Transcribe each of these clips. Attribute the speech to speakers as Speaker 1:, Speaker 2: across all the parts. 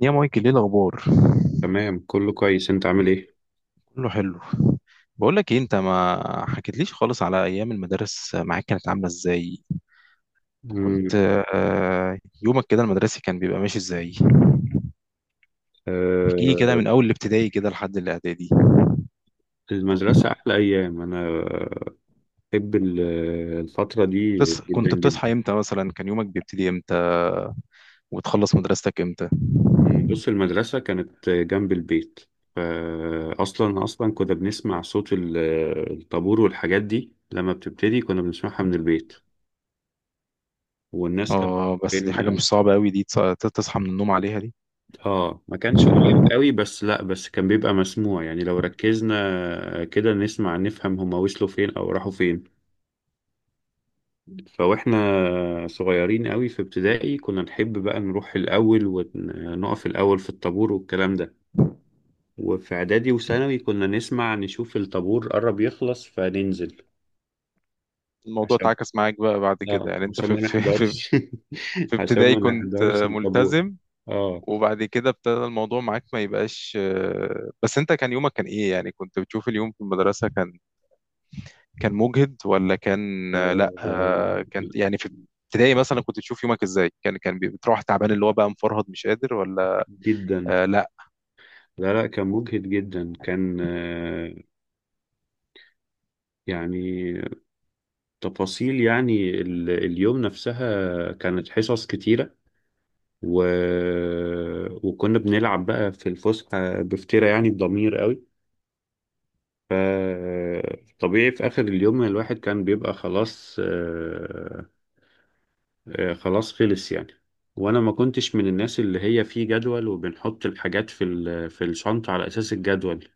Speaker 1: يا مايكل، ايه الاخبار؟
Speaker 2: تمام، كله كويس. انت عامل ايه؟
Speaker 1: كله حلو. بقول لك ايه، انت ما حكيتليش خالص على ايام المدارس، معاك كانت عامله ازاي؟
Speaker 2: مم.
Speaker 1: كنت يومك كده المدرسي كان بيبقى ماشي ازاي؟ احكي لي كده
Speaker 2: آه.
Speaker 1: من اول الابتدائي كده لحد الاعدادي.
Speaker 2: المدرسة أحلى أيام. بحب ال- الفترة دي جدا
Speaker 1: كنت بتصحى
Speaker 2: جدا.
Speaker 1: امتى مثلا؟ كان يومك بيبتدي امتى وتخلص مدرستك امتى؟
Speaker 2: بص، المدرسة كانت جنب البيت. فأصلا كنا بنسمع صوت الطابور والحاجات دي. لما بتبتدي كنا بنسمعها من البيت. والناس كانت
Speaker 1: اه بس دي حاجه
Speaker 2: بين.
Speaker 1: مش صعبه قوي دي، تصحى من النوم عليها دي.
Speaker 2: اه، ما كانش قريب قوي، بس لا، بس كان بيبقى مسموع يعني. لو ركزنا كده نسمع نفهم هما وصلوا فين أو راحوا فين. فواحنا صغيرين قوي في ابتدائي كنا نحب بقى نروح الأول ونقف الأول في الطابور والكلام ده. وفي إعدادي وثانوي كنا نسمع نشوف الطابور قرب يخلص فننزل،
Speaker 1: الموضوع
Speaker 2: عشان،
Speaker 1: اتعكس معاك بقى بعد
Speaker 2: اه
Speaker 1: كده يعني؟ انت
Speaker 2: عشان ما نحضرش.
Speaker 1: في
Speaker 2: عشان
Speaker 1: ابتدائي
Speaker 2: ما
Speaker 1: كنت
Speaker 2: نحضرش الطابور.
Speaker 1: ملتزم،
Speaker 2: اه.
Speaker 1: وبعد كده ابتدى الموضوع معاك ما يبقاش بس انت كان يومك كان ايه يعني؟ كنت بتشوف اليوم في المدرسة كان كان مجهد ولا كان
Speaker 2: آه،
Speaker 1: لا كان يعني في ابتدائي مثلا كنت بتشوف يومك ازاي؟ كان بتروح تعبان اللي هو بقى مفرهد مش قادر ولا
Speaker 2: جدا.
Speaker 1: آه لا؟
Speaker 2: لا لا، كان مجهد جدا، كان، يعني تفاصيل يعني اليوم نفسها كانت حصص كتيرة، و... وكنا بنلعب بقى في الفسحة بفترة يعني بضمير قوي. ف طبيعي في آخر اليوم الواحد كان بيبقى خلاص، خلاص خلص يعني. وأنا ما كنتش من الناس اللي هي في جدول، وبنحط الحاجات في في الشنطة على أساس الجدول.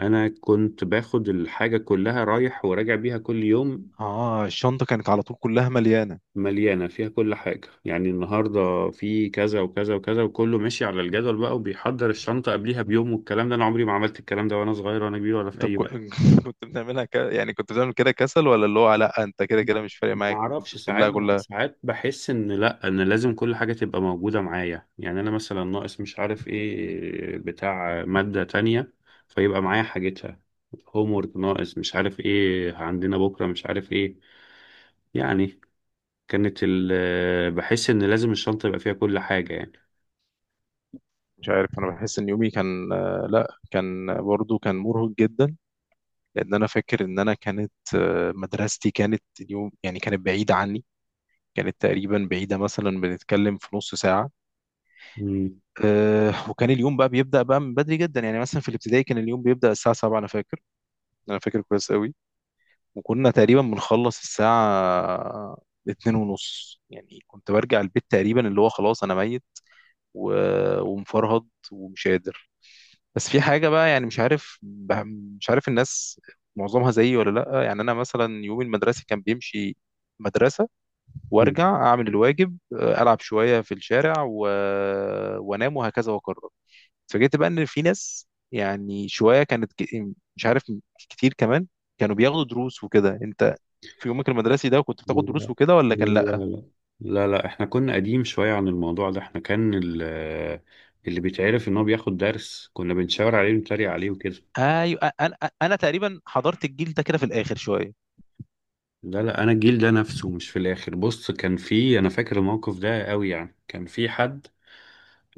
Speaker 2: أنا كنت باخد الحاجة كلها رايح وراجع بيها كل يوم.
Speaker 1: اه الشنطة كانت على طول كلها مليانة.
Speaker 2: مليانة فيها كل حاجة، يعني النهاردة في كذا وكذا وكذا وكله ماشي على الجدول بقى، وبيحضر الشنطة قبليها بيوم والكلام ده. أنا عمري ما عملت الكلام ده، وأنا صغير وأنا كبير ولا في
Speaker 1: انت
Speaker 2: أي وقت.
Speaker 1: كنت يعني كنت بتعمل كده كسل، ولا اللي هو لا انت كده كده مش فارق معاك فكنت
Speaker 2: معرفش، ساعات
Speaker 1: بتملاها كلها؟
Speaker 2: ساعات بحس إن لأ، إن لازم كل حاجة تبقى موجودة معايا، يعني أنا مثلا ناقص مش عارف إيه بتاع مادة تانية، فيبقى معايا حاجتها. هومورك ناقص، مش عارف إيه عندنا بكرة، مش عارف إيه، يعني كانت بحس إن لازم الشنطة يبقى فيها كل حاجة يعني.
Speaker 1: مش عارف، انا بحس ان يومي كان لا كان برضو كان مرهق جدا، لان انا فاكر ان انا كانت مدرستي كانت اليوم يعني كانت بعيده عني، كانت تقريبا بعيده، مثلا بنتكلم في نص ساعه.
Speaker 2: مم.
Speaker 1: وكان اليوم بقى بيبدا بقى من بدري جدا، يعني مثلا في الابتدائي كان اليوم بيبدا الساعه 7، انا فاكر، انا فاكر كويس قوي. وكنا تقريبا بنخلص الساعه اتنين ونص، يعني كنت برجع البيت تقريبا اللي هو خلاص انا ميت ومفرهد ومش قادر. بس في حاجة بقى يعني مش عارف، مش عارف الناس معظمها زيي ولا لأ، يعني أنا مثلا يوم المدرسة كان بيمشي مدرسة وأرجع أعمل الواجب، ألعب شوية في الشارع وأنام وهكذا وأكرر. اتفاجئت بقى إن في ناس يعني شوية مش عارف، كتير كمان، كانوا بياخدوا دروس وكده. أنت في يومك المدرسي ده كنت بتاخد دروس
Speaker 2: لا
Speaker 1: وكده ولا كان لأ؟
Speaker 2: لا لا لا احنا كنا قديم شوية عن الموضوع ده. احنا كان اللي بيتعرف ان هو بياخد درس كنا بنشاور عليه ونتريق عليه وكده.
Speaker 1: أيوة، أنا أنا تقريبا حضرت الجيل ده كده في الآخر شوية.
Speaker 2: لا لا، انا الجيل ده نفسه مش في الاخر. بص، كان في، انا فاكر الموقف ده قوي، يعني كان في حد،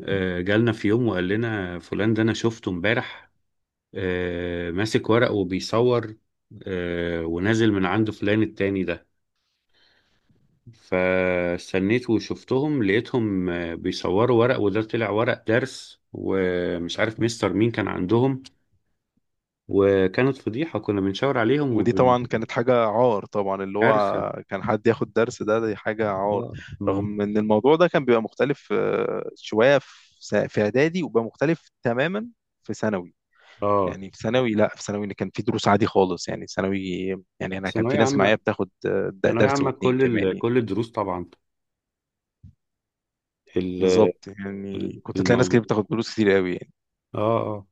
Speaker 2: جالنا في يوم وقال لنا فلان ده انا شفته امبارح، ماسك ورق وبيصور، ونازل من عند فلان التاني ده. فاستنيت وشفتهم، لقيتهم بيصوروا ورق، وده طلع ورق درس ومش عارف مستر مين كان عندهم. وكانت فضيحة، كنا بنشاور عليهم
Speaker 1: ودي طبعا كانت حاجة عار، طبعا اللي
Speaker 2: وبالكارثة.
Speaker 1: هو كان حد ياخد درس ده، دي حاجة عار.
Speaker 2: اه. مم.
Speaker 1: رغم ان الموضوع ده كان بيبقى مختلف شوية في في اعدادي، وبقى مختلف تماما في ثانوي.
Speaker 2: اه.
Speaker 1: يعني في ثانوي، لا في ثانوي كان في دروس عادي خالص، يعني ثانوي، يعني انا كان في
Speaker 2: ثانوية
Speaker 1: ناس معايا
Speaker 2: عامة،
Speaker 1: بتاخد
Speaker 2: ثانوية
Speaker 1: درس
Speaker 2: عامة
Speaker 1: واتنين
Speaker 2: كل
Speaker 1: كمان يعني.
Speaker 2: كل الدروس طبعا ال...
Speaker 1: بالظبط، يعني كنت تلاقي ناس
Speaker 2: الموضوع.
Speaker 1: كتير بتاخد دروس كتير قوي يعني.
Speaker 2: اه اه.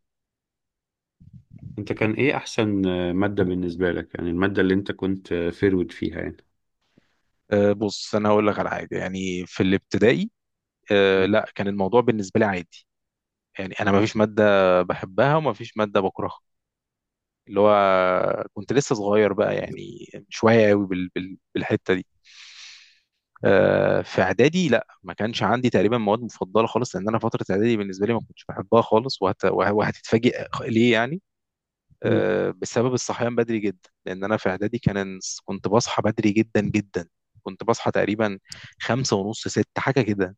Speaker 2: انت كان ايه احسن مادة بالنسبة لك؟ يعني المادة اللي انت كنت فيرود فيها يعني.
Speaker 1: بص انا هقول لك على حاجة، يعني في الابتدائي لا كان الموضوع بالنسبة لي عادي، يعني انا ما فيش مادة بحبها وما فيش مادة بكرهها، اللي هو كنت لسه صغير بقى يعني، مش واعي قوي بالحته دي. في اعدادي لا، ما كانش عندي تقريبا مواد مفضله خالص، لان انا فتره اعدادي بالنسبه لي ما كنتش بحبها خالص، وهتتفاجئ ليه يعني
Speaker 2: مم.
Speaker 1: بسبب الصحيان بدري جدا، لان انا في اعدادي كان كنت بصحى بدري جدا جدا، كنت بصحى تقريبا خمسة ونص ست حاجة كده،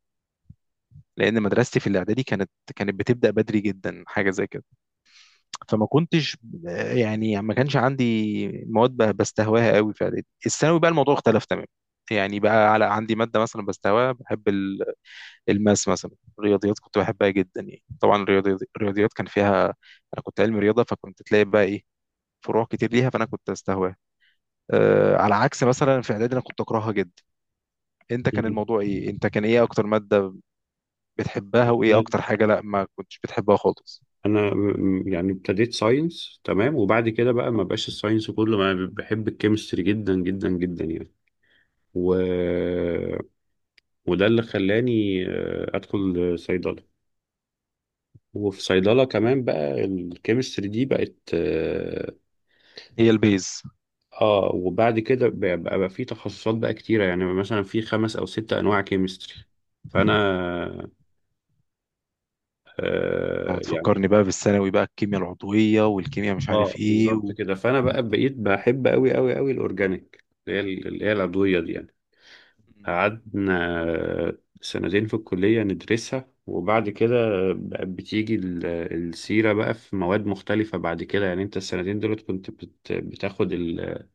Speaker 1: لأن مدرستي في الإعدادي كانت كانت بتبدأ بدري جدا حاجة زي كده. فما كنتش يعني ما كانش عندي مواد بستهواها قوي في اعدادي. الثانوي بقى الموضوع اختلف تماما، يعني بقى على عندي ماده مثلا بستهواها، بحب الماس مثلا، الرياضيات كنت بحبها جدا يعني. طبعا الرياضيات كان فيها، انا كنت علم رياضه، فكنت تلاقي بقى ايه، فروع كتير ليها، فانا كنت استهواها، أه على عكس مثلا في اعدادي انا كنت اكرهها جدا. انت كان
Speaker 2: مم.
Speaker 1: الموضوع ايه، انت كان ايه اكتر ماده بتحبها وايه اكتر حاجه لا ما كنتش بتحبها خالص؟
Speaker 2: انا يعني ابتديت ساينس تمام، وبعد كده بقى ما بقاش الساينس كله، ما ب- بحب الكيمستري جدا جدا جدا يعني، و... وده اللي خلاني ادخل صيدله. وفي صيدله كمان بقى الكيمستري دي بقت، اه،
Speaker 1: هي البيز.
Speaker 2: وبعد كده بقى بقى في تخصصات بقى كتيره، يعني مثلا في خمس او ست انواع كيمستري. فانا، آه
Speaker 1: اه،
Speaker 2: يعني،
Speaker 1: بتفكرني بقى بالثانوي بقى، الكيمياء العضوية والكيمياء مش
Speaker 2: اه
Speaker 1: عارف ايه
Speaker 2: بالظبط كده. فانا بقى بقيت بحب قوي قوي قوي الاورجانيك، اللي هي اللي هي العضويه دي يعني.
Speaker 1: مم.
Speaker 2: قعدنا سنتين في الكلية ندرسها، وبعد كده بقت بتيجي السيرة بقى في مواد مختلفة بعد كده. يعني انت السنتين دولت كنت بتاخد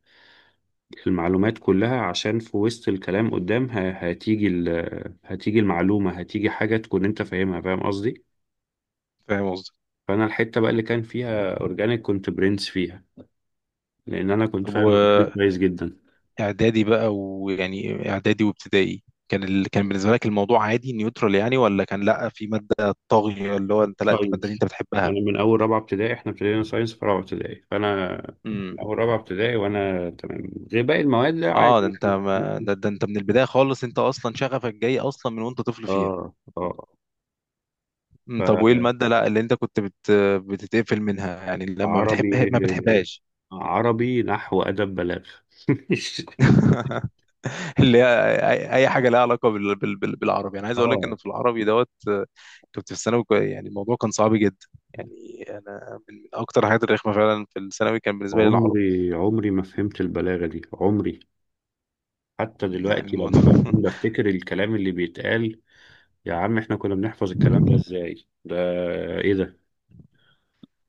Speaker 2: المعلومات كلها، عشان في وسط الكلام قدام هتيجي هتيجي المعلومة، هتيجي حاجة تكون انت فاهمها. فاهم قصدي؟
Speaker 1: فاهم قصدي.
Speaker 2: فأنا الحتة بقى اللي كان فيها أورجانيك كنت برنس فيها، لأن أنا كنت
Speaker 1: طب
Speaker 2: فاهم أورجانيك كويس جدا.
Speaker 1: واعدادي بقى، ويعني اعدادي وابتدائي كان كان بالنسبة لك الموضوع عادي نيوترال يعني، ولا كان لا في مادة طاغية اللي هو انت لا دي المادة اللي
Speaker 2: ساينس.
Speaker 1: انت بتحبها؟
Speaker 2: انا من اول رابعه ابتدائي، احنا ابتدينا ساينس في رابعه ابتدائي، فانا
Speaker 1: امم.
Speaker 2: من اول رابعه ابتدائي وانا تمام. غير باقي المواد لا، عادي
Speaker 1: اه ده انت
Speaker 2: يعني.
Speaker 1: ما... ده, ده انت من البداية خالص، انت اصلا شغفك جاي اصلا من وانت طفل فيها.
Speaker 2: اه اه.
Speaker 1: مم. طب وايه المادة لا اللي انت كنت بتتقفل منها، يعني لما بتحب
Speaker 2: فعربي.
Speaker 1: ما بتحبهاش؟
Speaker 2: عربي، نحو، ادب، بلاغه.
Speaker 1: اللي هي أي حاجه لها علاقه بالعربي. انا عايز اقول لك
Speaker 2: اه.
Speaker 1: ان في العربي دوت كنت في الثانوي يعني الموضوع كان صعب جدا، يعني انا من اكتر الحاجات الرخمه فعلا في الثانوي كان بالنسبه لي العربي.
Speaker 2: عمري ما فهمت البلاغه دي، عمري. حتى
Speaker 1: يعني
Speaker 2: دلوقتي
Speaker 1: الموضوع
Speaker 2: لما بكون بفتكر الكلام اللي بيتقال: يا عم، احنا كنا بنحفظ الكلام ده ازاي؟ ده ايه ده؟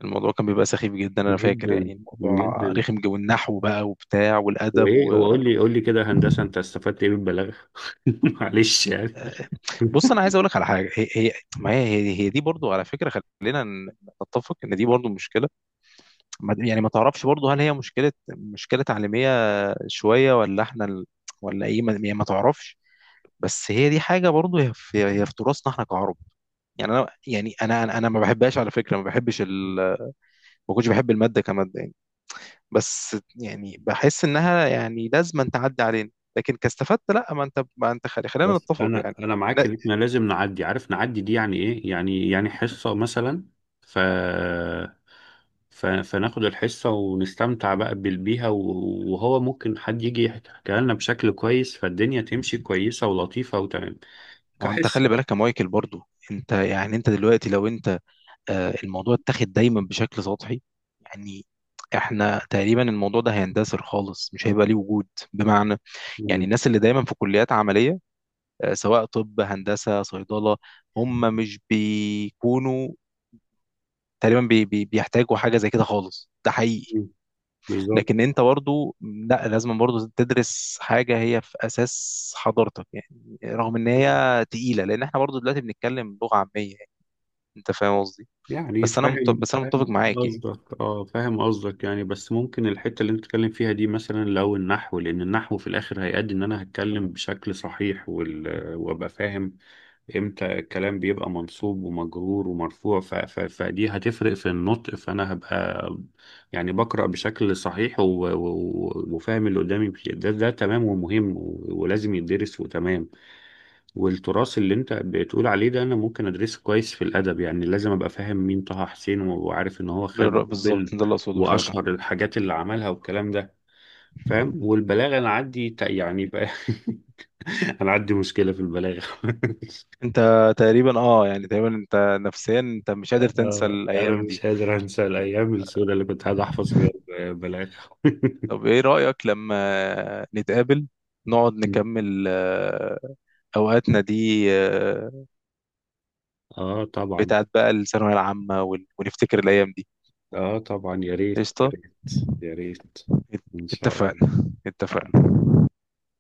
Speaker 1: الموضوع كان بيبقى سخيف جدا، انا فاكر
Speaker 2: جدا.
Speaker 1: يعني الموضوع
Speaker 2: جدا.
Speaker 1: رخم، جو النحو بقى وبتاع والادب
Speaker 2: وايه، وقول لي كده، هندسه، انت استفدت ايه بالبلاغه؟ معلش يعني.
Speaker 1: آه، بص انا عايز اقول لك على حاجه، هي ما هي هي دي برضو على فكره، خلينا نتفق ان دي برضو مشكله. يعني ما تعرفش برضه هل هي مشكلة تعليمية شوية، ولا احنا ولا ايه ما... يعني ما تعرفش. بس هي دي حاجة برضه، هي هي في تراثنا احنا كعرب. يعني انا يعني انا أنا ما بحبهاش على فكرة، ما بحبش ما كنتش بحب المادة كمادة يعني، بس يعني بحس انها يعني لازم أن تعدي علينا. لكن كاستفدت لا، ما انت ما انت خلينا
Speaker 2: بس
Speaker 1: نتفق
Speaker 2: انا
Speaker 1: يعني.
Speaker 2: انا معاك
Speaker 1: لا
Speaker 2: ان احنا لازم نعدي، عارف، نعدي دي يعني ايه يعني؟ يعني حصه مثلا، ف فناخد الحصة ونستمتع بقى بيها، وهو ممكن حد يجي يحكيها لنا بشكل كويس، فالدنيا تمشي كويسة ولطيفة وتمام
Speaker 1: ما هو انت خلي
Speaker 2: كحصة.
Speaker 1: بالك يا مايكل، برضه انت يعني انت دلوقتي لو انت الموضوع اتاخد دايما بشكل سطحي. يعني احنا تقريبا الموضوع ده هيندثر خالص، مش هيبقى ليه وجود. بمعنى، يعني
Speaker 2: مم.
Speaker 1: الناس اللي دايما في كليات عملية سواء طب هندسة صيدلة، هم مش بيكونوا تقريبا بي بي بيحتاجوا حاجة زي كده خالص، ده حقيقي.
Speaker 2: مم. بالظبط
Speaker 1: لكن انت برضو لا لازم برضو تدرس حاجة هي في اساس حضرتك، يعني رغم ان هي تقيلة، لان احنا برضو دلوقتي بنتكلم لغة عامية يعني. انت فاهم قصدي؟
Speaker 2: يعني.
Speaker 1: بس انا
Speaker 2: فاهم.
Speaker 1: بس انا متفق
Speaker 2: فاهم
Speaker 1: معاك يعني.
Speaker 2: قصدك اه فاهم قصدك، يعني بس ممكن الحتة اللي انت بتتكلم فيها دي، مثلا لو النحو، لان النحو في الاخر هيأدي ان انا هتكلم بشكل صحيح، وابقى فاهم امتى الكلام بيبقى منصوب ومجرور ومرفوع. فدي هتفرق في النطق، فانا هبقى يعني بقرأ بشكل صحيح وفاهم اللي قدامي، ده ده تمام ومهم ولازم يدرس وتمام. والتراث اللي انت بتقول عليه ده انا ممكن ادرسه كويس في الادب، يعني لازم ابقى فاهم مين طه حسين، وعارف ان هو خد نوبل،
Speaker 1: بالظبط، ده اللي اقصده فعلا.
Speaker 2: واشهر الحاجات اللي عملها والكلام ده. فاهم. والبلاغه انا عندي، يعني بقى انا عندي مشكله في البلاغه.
Speaker 1: انت تقريبا اه، يعني تقريبا انت نفسيا انت مش قادر تنسى
Speaker 2: اه، انا
Speaker 1: الايام
Speaker 2: مش
Speaker 1: دي.
Speaker 2: قادر انسى الايام السوداء اللي كنت قاعد احفظ فيها البلاغه.
Speaker 1: طب ايه رأيك لما نتقابل نقعد نكمل اوقاتنا دي
Speaker 2: اه طبعا.
Speaker 1: بتاعت بقى الثانوية العامة، ونفتكر الايام دي؟
Speaker 2: اه طبعا، يا ريت، يا
Speaker 1: قشطة.
Speaker 2: ريت، يا ريت
Speaker 1: ات-
Speaker 2: ان شاء الله.
Speaker 1: اتفقنا، اتفقنا.